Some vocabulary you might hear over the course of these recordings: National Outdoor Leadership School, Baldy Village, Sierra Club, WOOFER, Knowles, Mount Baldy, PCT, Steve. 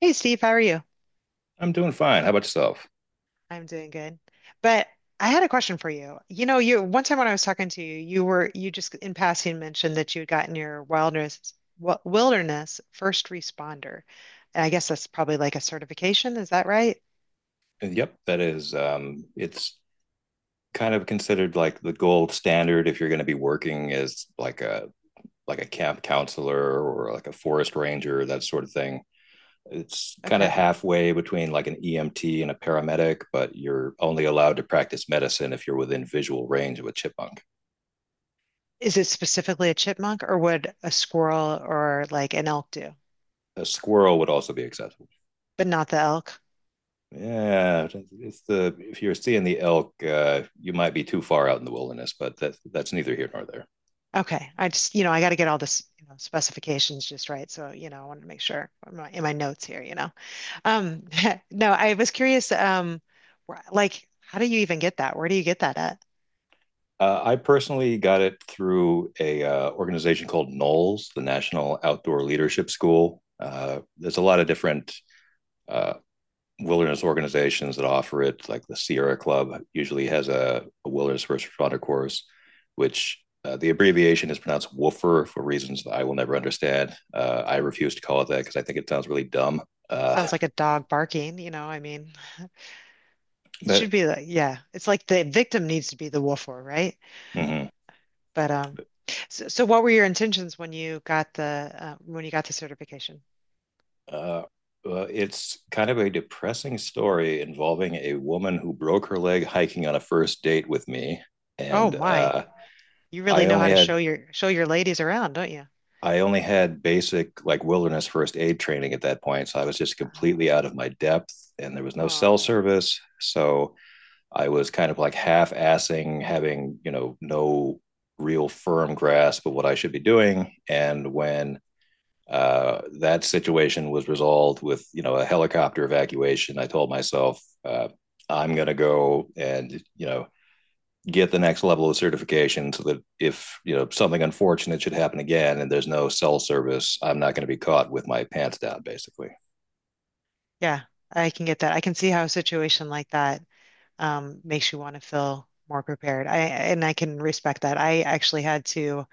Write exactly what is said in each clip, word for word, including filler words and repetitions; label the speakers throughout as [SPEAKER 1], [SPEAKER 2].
[SPEAKER 1] Hey Steve, how are you?
[SPEAKER 2] I'm doing fine. How about yourself?
[SPEAKER 1] I'm doing good. But I had a question for you. You know, you one time when I was talking to you, you were you just in passing mentioned that you had gotten your wilderness wi- wilderness first responder. And I guess that's probably like a certification, is that right?
[SPEAKER 2] And yep, that is. Um, it's kind of considered like the gold standard if you're going to be working as like a like a camp counselor or like a forest ranger, that sort of thing. It's kind of
[SPEAKER 1] Okay.
[SPEAKER 2] halfway between like an E M T and a paramedic, but you're only allowed to practice medicine if you're within visual range of a chipmunk.
[SPEAKER 1] Is it specifically a chipmunk or would a squirrel or like an elk do?
[SPEAKER 2] A squirrel would also be acceptable.
[SPEAKER 1] But not the elk.
[SPEAKER 2] Yeah, it's the if you're seeing the elk, uh, you might be too far out in the wilderness, but that's that's neither here nor there.
[SPEAKER 1] Okay. I just, you know, I got to get all this, you know, specifications just right. So, you know, I want to make sure in my, in my notes here, you know. Um, no, I was curious, um, wh- like, how do you even get that? Where do you get that at?
[SPEAKER 2] Uh, I personally got it through a uh, organization called Knowles, the National Outdoor Leadership School. Uh, there's a lot of different uh, wilderness organizations that offer it, like the Sierra Club usually has a, a wilderness first responder course, which uh, the abbreviation is pronounced WOOFER for reasons that I will never understand. Uh, I
[SPEAKER 1] Hmm.
[SPEAKER 2] refuse to call it that because I think it sounds really dumb. Uh,
[SPEAKER 1] Sounds like a dog barking, you know, I mean, it
[SPEAKER 2] but.
[SPEAKER 1] should be like, yeah, it's like the victim needs to be the wolfer, right?
[SPEAKER 2] Mm-hmm.
[SPEAKER 1] But, um, so, so what were your intentions when you got the, uh, when you got the certification?
[SPEAKER 2] Uh, uh, it's kind of a depressing story involving a woman who broke her leg hiking on a first date with me,
[SPEAKER 1] Oh
[SPEAKER 2] and
[SPEAKER 1] my,
[SPEAKER 2] uh,
[SPEAKER 1] you
[SPEAKER 2] I
[SPEAKER 1] really know how
[SPEAKER 2] only
[SPEAKER 1] to
[SPEAKER 2] had
[SPEAKER 1] show your, show your ladies around, don't you?
[SPEAKER 2] I only had basic like wilderness first aid training at that point, so I was just completely
[SPEAKER 1] Uh,
[SPEAKER 2] out of my depth, and there was no cell
[SPEAKER 1] Oh,
[SPEAKER 2] service, so I was kind of like half assing, having you know no real firm grasp of what I should be doing, and when Uh, that situation was resolved with you know a helicopter evacuation. I told myself uh, I'm going to go and you know get the next level of certification so that if you know something unfortunate should happen again and there's no cell service, I'm not going to be caught with my pants down, basically.
[SPEAKER 1] yeah, I can get that. I can see how a situation like that um, makes you want to feel more prepared. I and I can respect that. I actually had to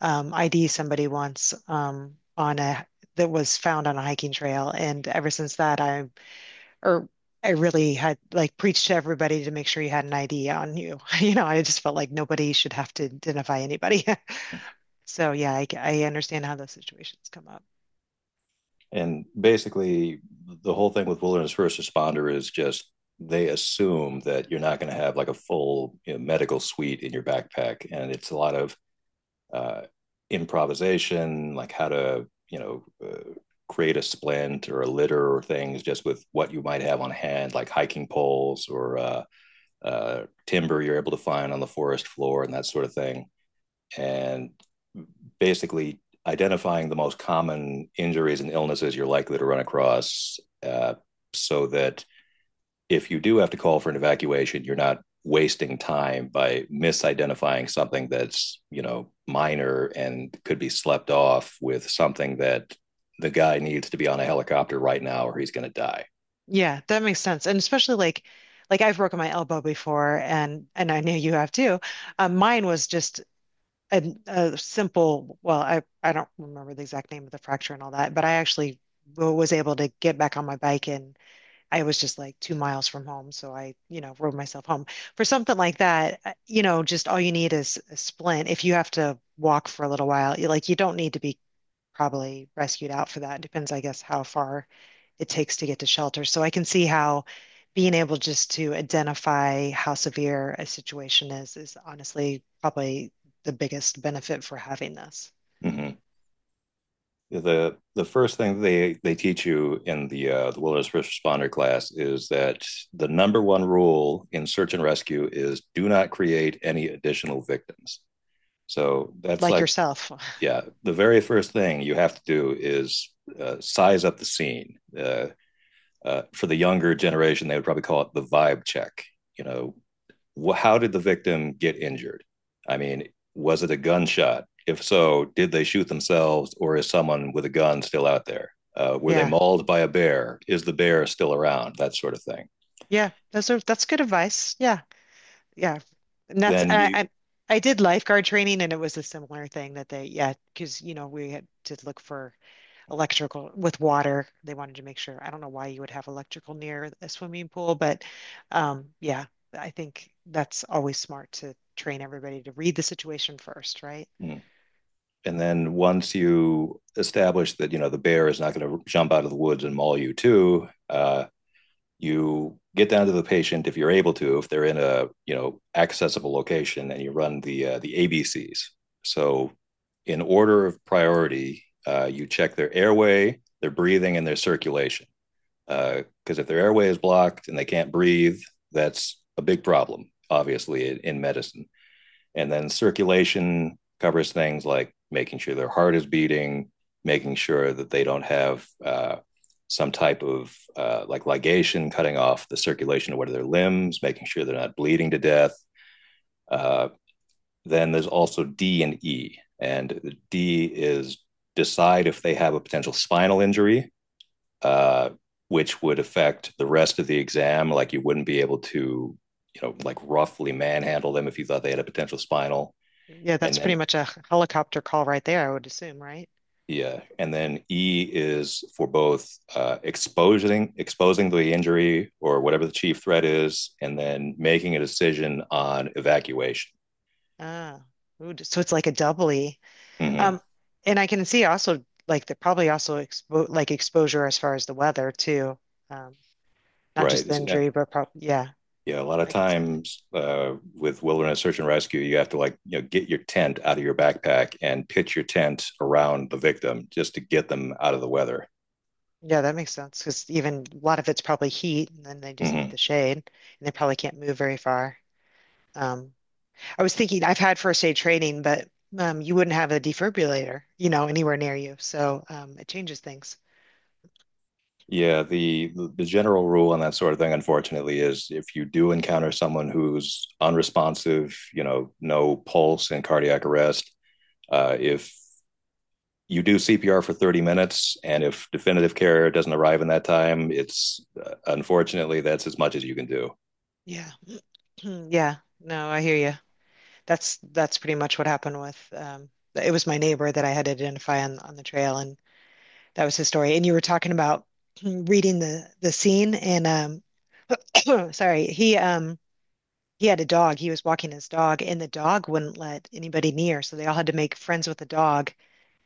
[SPEAKER 1] um, I D somebody once um, on a that was found on a hiking trail, and ever since that, I or I really had like preached to everybody to make sure you had an I D on you. You know, I just felt like nobody should have to identify anybody. So yeah, I, I understand how those situations come up.
[SPEAKER 2] And basically, the whole thing with wilderness first responder is just they assume that you're not going to have like a full, you know, medical suite in your backpack, and it's a lot of uh, improvisation, like how to, you know uh, create a splint or a litter or things just with what you might have on hand, like hiking poles or uh, uh, timber you're able to find on the forest floor and that sort of thing. And basically identifying the most common injuries and illnesses you're likely to run across, uh, so that if you do have to call for an evacuation, you're not wasting time by misidentifying something that's, you know, minor and could be slept off with something that the guy needs to be on a helicopter right now or he's going to die.
[SPEAKER 1] Yeah, that makes sense. And especially like like I've broken my elbow before and and I know you have too. Um, mine was just a, a simple, well, I I don't remember the exact name of the fracture and all that, but I actually w- was able to get back on my bike and I was just like two miles from home, so I, you know, rode myself home. For something like that, uh, you know, just all you need is a splint. If you have to walk for a little while, you like you don't need to be probably rescued out for that. Depends, I guess, how far it takes to get to shelter. So I can see how being able just to identify how severe a situation is is honestly probably the biggest benefit for having this.
[SPEAKER 2] Mm-hmm. The the first thing they they teach you in the uh, the wilderness first responder class is that the number one rule in search and rescue is do not create any additional victims. So that's
[SPEAKER 1] Like
[SPEAKER 2] like,
[SPEAKER 1] yourself.
[SPEAKER 2] yeah, the very first thing you have to do is uh, size up the scene. Uh, uh, for the younger generation, they would probably call it the vibe check. You know, wh- how did the victim get injured? I mean, was it a gunshot? If so, did they shoot themselves or is someone with a gun still out there? Uh, were they
[SPEAKER 1] Yeah.
[SPEAKER 2] mauled by a bear? Is the bear still around? That sort of thing.
[SPEAKER 1] Yeah. Those are that's good advice. Yeah. Yeah. And that's
[SPEAKER 2] Then
[SPEAKER 1] I,
[SPEAKER 2] you.
[SPEAKER 1] I I did lifeguard training and it was a similar thing that they yeah, because you know, we had to look for electrical with water. They wanted to make sure. I don't know why you would have electrical near a swimming pool, but um, yeah, I think that's always smart to train everybody to read the situation first, right?
[SPEAKER 2] Mm. And then once you establish that, you know, the bear is not going to jump out of the woods and maul you too, uh, you get down to the patient if you're able to, if they're in a, you know accessible location, and you run the uh, the A B Cs. So in order of priority, uh, you check their airway, their breathing, and their circulation, because uh, if their airway is blocked and they can't breathe, that's a big problem, obviously, in, in medicine. And then circulation covers things like making sure their heart is beating, making sure that they don't have, uh, some type of, uh, like ligation cutting off the circulation of one of their limbs, making sure they're not bleeding to death. Uh, then there's also D and E. And D is decide if they have a potential spinal injury, uh, which would affect the rest of the exam. Like, you wouldn't be able to, you know, like roughly manhandle them if you thought they had a potential spinal.
[SPEAKER 1] Yeah,
[SPEAKER 2] And
[SPEAKER 1] that's pretty
[SPEAKER 2] then,
[SPEAKER 1] much a helicopter call right there, I would assume, right?
[SPEAKER 2] yeah, and then E is for both, uh, exposing exposing the injury or whatever the chief threat is, and then making a decision on evacuation.
[SPEAKER 1] Ah, ooh, so it's like a doubly.
[SPEAKER 2] Hmm.
[SPEAKER 1] Um, and I can see also like the probably also expo like exposure as far as the weather too. Um, Not just
[SPEAKER 2] Right.
[SPEAKER 1] the
[SPEAKER 2] Yeah,
[SPEAKER 1] injury, but prob yeah,
[SPEAKER 2] yeah. A lot of
[SPEAKER 1] I could see.
[SPEAKER 2] times, uh, with wilderness search and rescue, you have to, like, you know get your tent out of your backpack and pitch your tent around the victim just to get them out of the weather.
[SPEAKER 1] Yeah, that makes sense because even a lot of it's probably heat, and then they just need
[SPEAKER 2] Hmm.
[SPEAKER 1] the shade, and they probably can't move very far. Um, I was thinking I've had first aid training, but um, you wouldn't have a defibrillator, you know, anywhere near you, so um, it changes things.
[SPEAKER 2] Yeah, the the general rule on that sort of thing, unfortunately, is if you do encounter someone who's unresponsive, you know, no pulse and cardiac arrest, uh, if you do C P R for thirty minutes, and if definitive care doesn't arrive in that time, it's, uh, unfortunately, that's as much as you can do.
[SPEAKER 1] Yeah, yeah. No, I hear you. That's that's pretty much what happened with. Um, it was my neighbor that I had to identify on on the trail, and that was his story. And you were talking about reading the the scene, and um, sorry, he um. He had a dog. He was walking his dog, and the dog wouldn't let anybody near. So they all had to make friends with the dog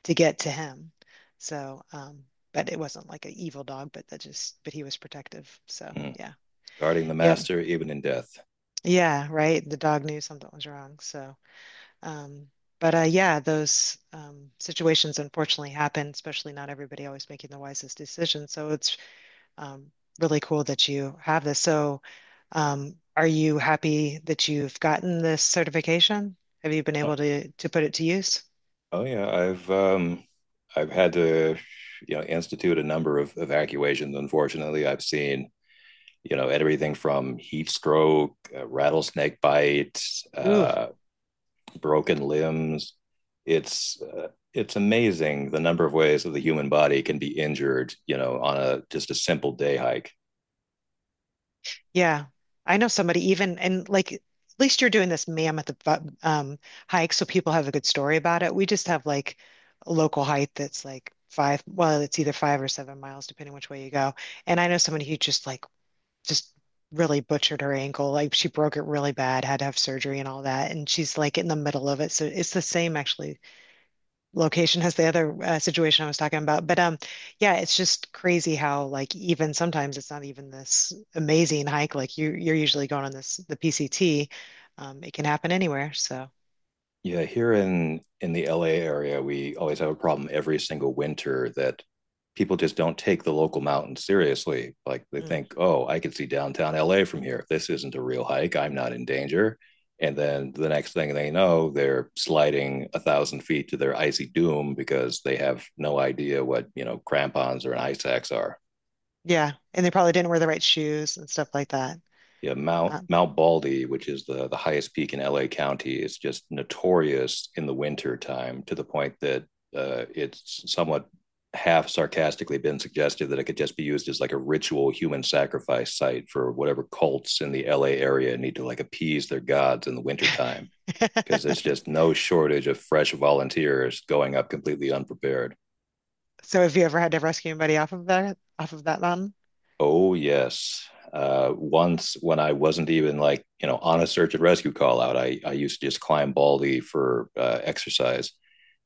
[SPEAKER 1] to get to him. So, um, but it wasn't like an evil dog, but that just, but he was protective. So,
[SPEAKER 2] Mm.
[SPEAKER 1] yeah.
[SPEAKER 2] Guarding the
[SPEAKER 1] Yep.
[SPEAKER 2] master even in death.
[SPEAKER 1] Yeah. Right. The dog knew something was wrong. So, um, but uh, yeah, those um, situations unfortunately happen, especially not everybody always making the wisest decisions. So it's um, really cool that you have this. So, um, are you happy that you've gotten this certification? Have you been
[SPEAKER 2] Oh,
[SPEAKER 1] able to to put it to use?
[SPEAKER 2] oh yeah, I've um, I've had to, you know institute a number of evacuations. Unfortunately, I've seen, you know, everything from heat stroke, uh, rattlesnake bite,
[SPEAKER 1] Ooh,
[SPEAKER 2] uh, broken limbs. It's uh, it's amazing the number of ways that the human body can be injured, you know, on a just a simple day hike.
[SPEAKER 1] yeah. I know somebody even and like at least you're doing this mammoth bu- um, hike, so people have a good story about it. We just have like a local hike that's like five. Well, it's either five or seven miles, depending which way you go. And I know somebody who just like just really butchered her ankle. Like she broke it really bad, had to have surgery and all that. And she's like in the middle of it. So it's the same actually location as the other uh, situation I was talking about. But um, yeah, it's just crazy how like even sometimes it's not even this amazing hike. Like you you're usually going on this the P C T. Um, it can happen anywhere. So
[SPEAKER 2] Yeah, here in in the L A area, we always have a problem every single winter that people just don't take the local mountains seriously. Like they
[SPEAKER 1] mm,
[SPEAKER 2] think, "Oh, I can see downtown L A from here. This isn't a real hike. I'm not in danger." And then the next thing they know, they're sliding a thousand feet to their icy doom because they have no idea what, you know, crampons or an ice axe are.
[SPEAKER 1] yeah, and they probably didn't wear the right shoes and stuff like that.
[SPEAKER 2] Yeah, Mount
[SPEAKER 1] Um,
[SPEAKER 2] Mount Baldy, which is the the highest peak in L A County, is just notorious in the winter time, to the point that uh, it's somewhat half sarcastically been suggested that it could just be used as like a ritual human sacrifice site for whatever cults in the L A area need to, like, appease their gods in the wintertime, because there's just no shortage of fresh volunteers going up completely unprepared.
[SPEAKER 1] so have you ever had to rescue anybody off of that off of that mountain?
[SPEAKER 2] Oh yes. Uh, once when I wasn't even, like, you know on a search and rescue call out, I I used to just climb Baldy for uh, exercise,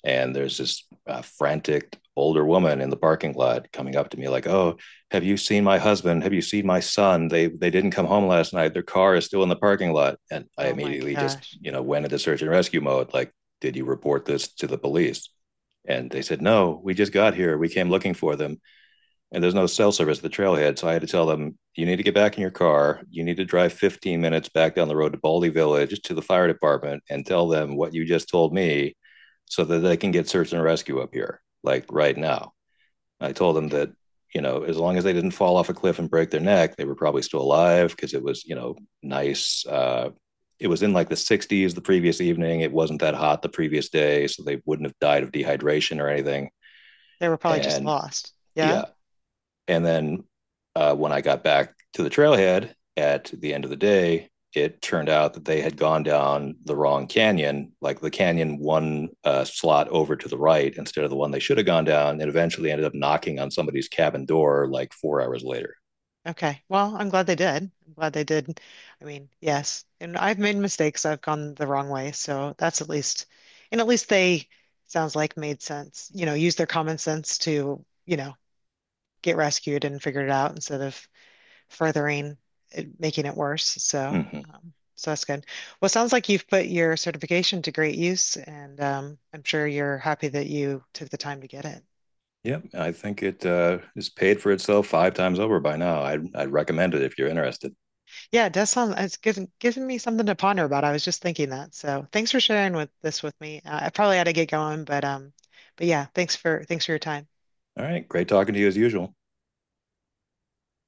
[SPEAKER 2] and there's this uh, frantic older woman in the parking lot coming up to me like, "Oh, have you seen my husband? Have you seen my son? They they didn't come home last night. Their car is still in the parking lot." And I
[SPEAKER 1] Oh my
[SPEAKER 2] immediately just
[SPEAKER 1] gosh.
[SPEAKER 2] you know went into search and rescue mode. Like, did you report this to the police? And they said, "No, we just got here. We came looking for them." And there's no cell service at the trailhead. So I had to tell them, you need to get back in your car. You need to drive fifteen minutes back down the road to Baldy Village to the fire department and tell them what you just told me so that they can get search and rescue up here, like right now. I told them that,
[SPEAKER 1] Okay.
[SPEAKER 2] you know, as long as they didn't fall off a cliff and break their neck, they were probably still alive because it was, you know, nice. Uh, it was in like the sixties the previous evening. It wasn't that hot the previous day. So they wouldn't have died of dehydration or anything.
[SPEAKER 1] They were probably just
[SPEAKER 2] And,
[SPEAKER 1] lost. Yeah.
[SPEAKER 2] yeah, and then uh, when I got back to the trailhead at the end of the day, it turned out that they had gone down the wrong canyon, like the canyon one uh, slot over to the right instead of the one they should have gone down, and eventually ended up knocking on somebody's cabin door like four hours later.
[SPEAKER 1] Okay. Well, I'm glad they did. I'm glad they did. I mean, yes. And I've made mistakes. I've gone the wrong way. So that's at least, and at least they sounds like made sense, you know, use their common sense to, you know, get rescued and figure it out instead of furthering it, making it worse. So,
[SPEAKER 2] Mm-hmm.
[SPEAKER 1] um, so that's good. Well, it sounds like you've put your certification to great use, and um, I'm sure you're happy that you took the time to get it.
[SPEAKER 2] Yep, I think it uh, is paid for itself five times over by now. I'd, I'd recommend it if you're interested.
[SPEAKER 1] Yeah, it does sound, it's given, given me something to ponder about. I was just thinking that. So thanks for sharing with this with me. Uh, I probably had to get going, but um, but yeah, thanks for thanks for your time.
[SPEAKER 2] All right, great talking to you as usual.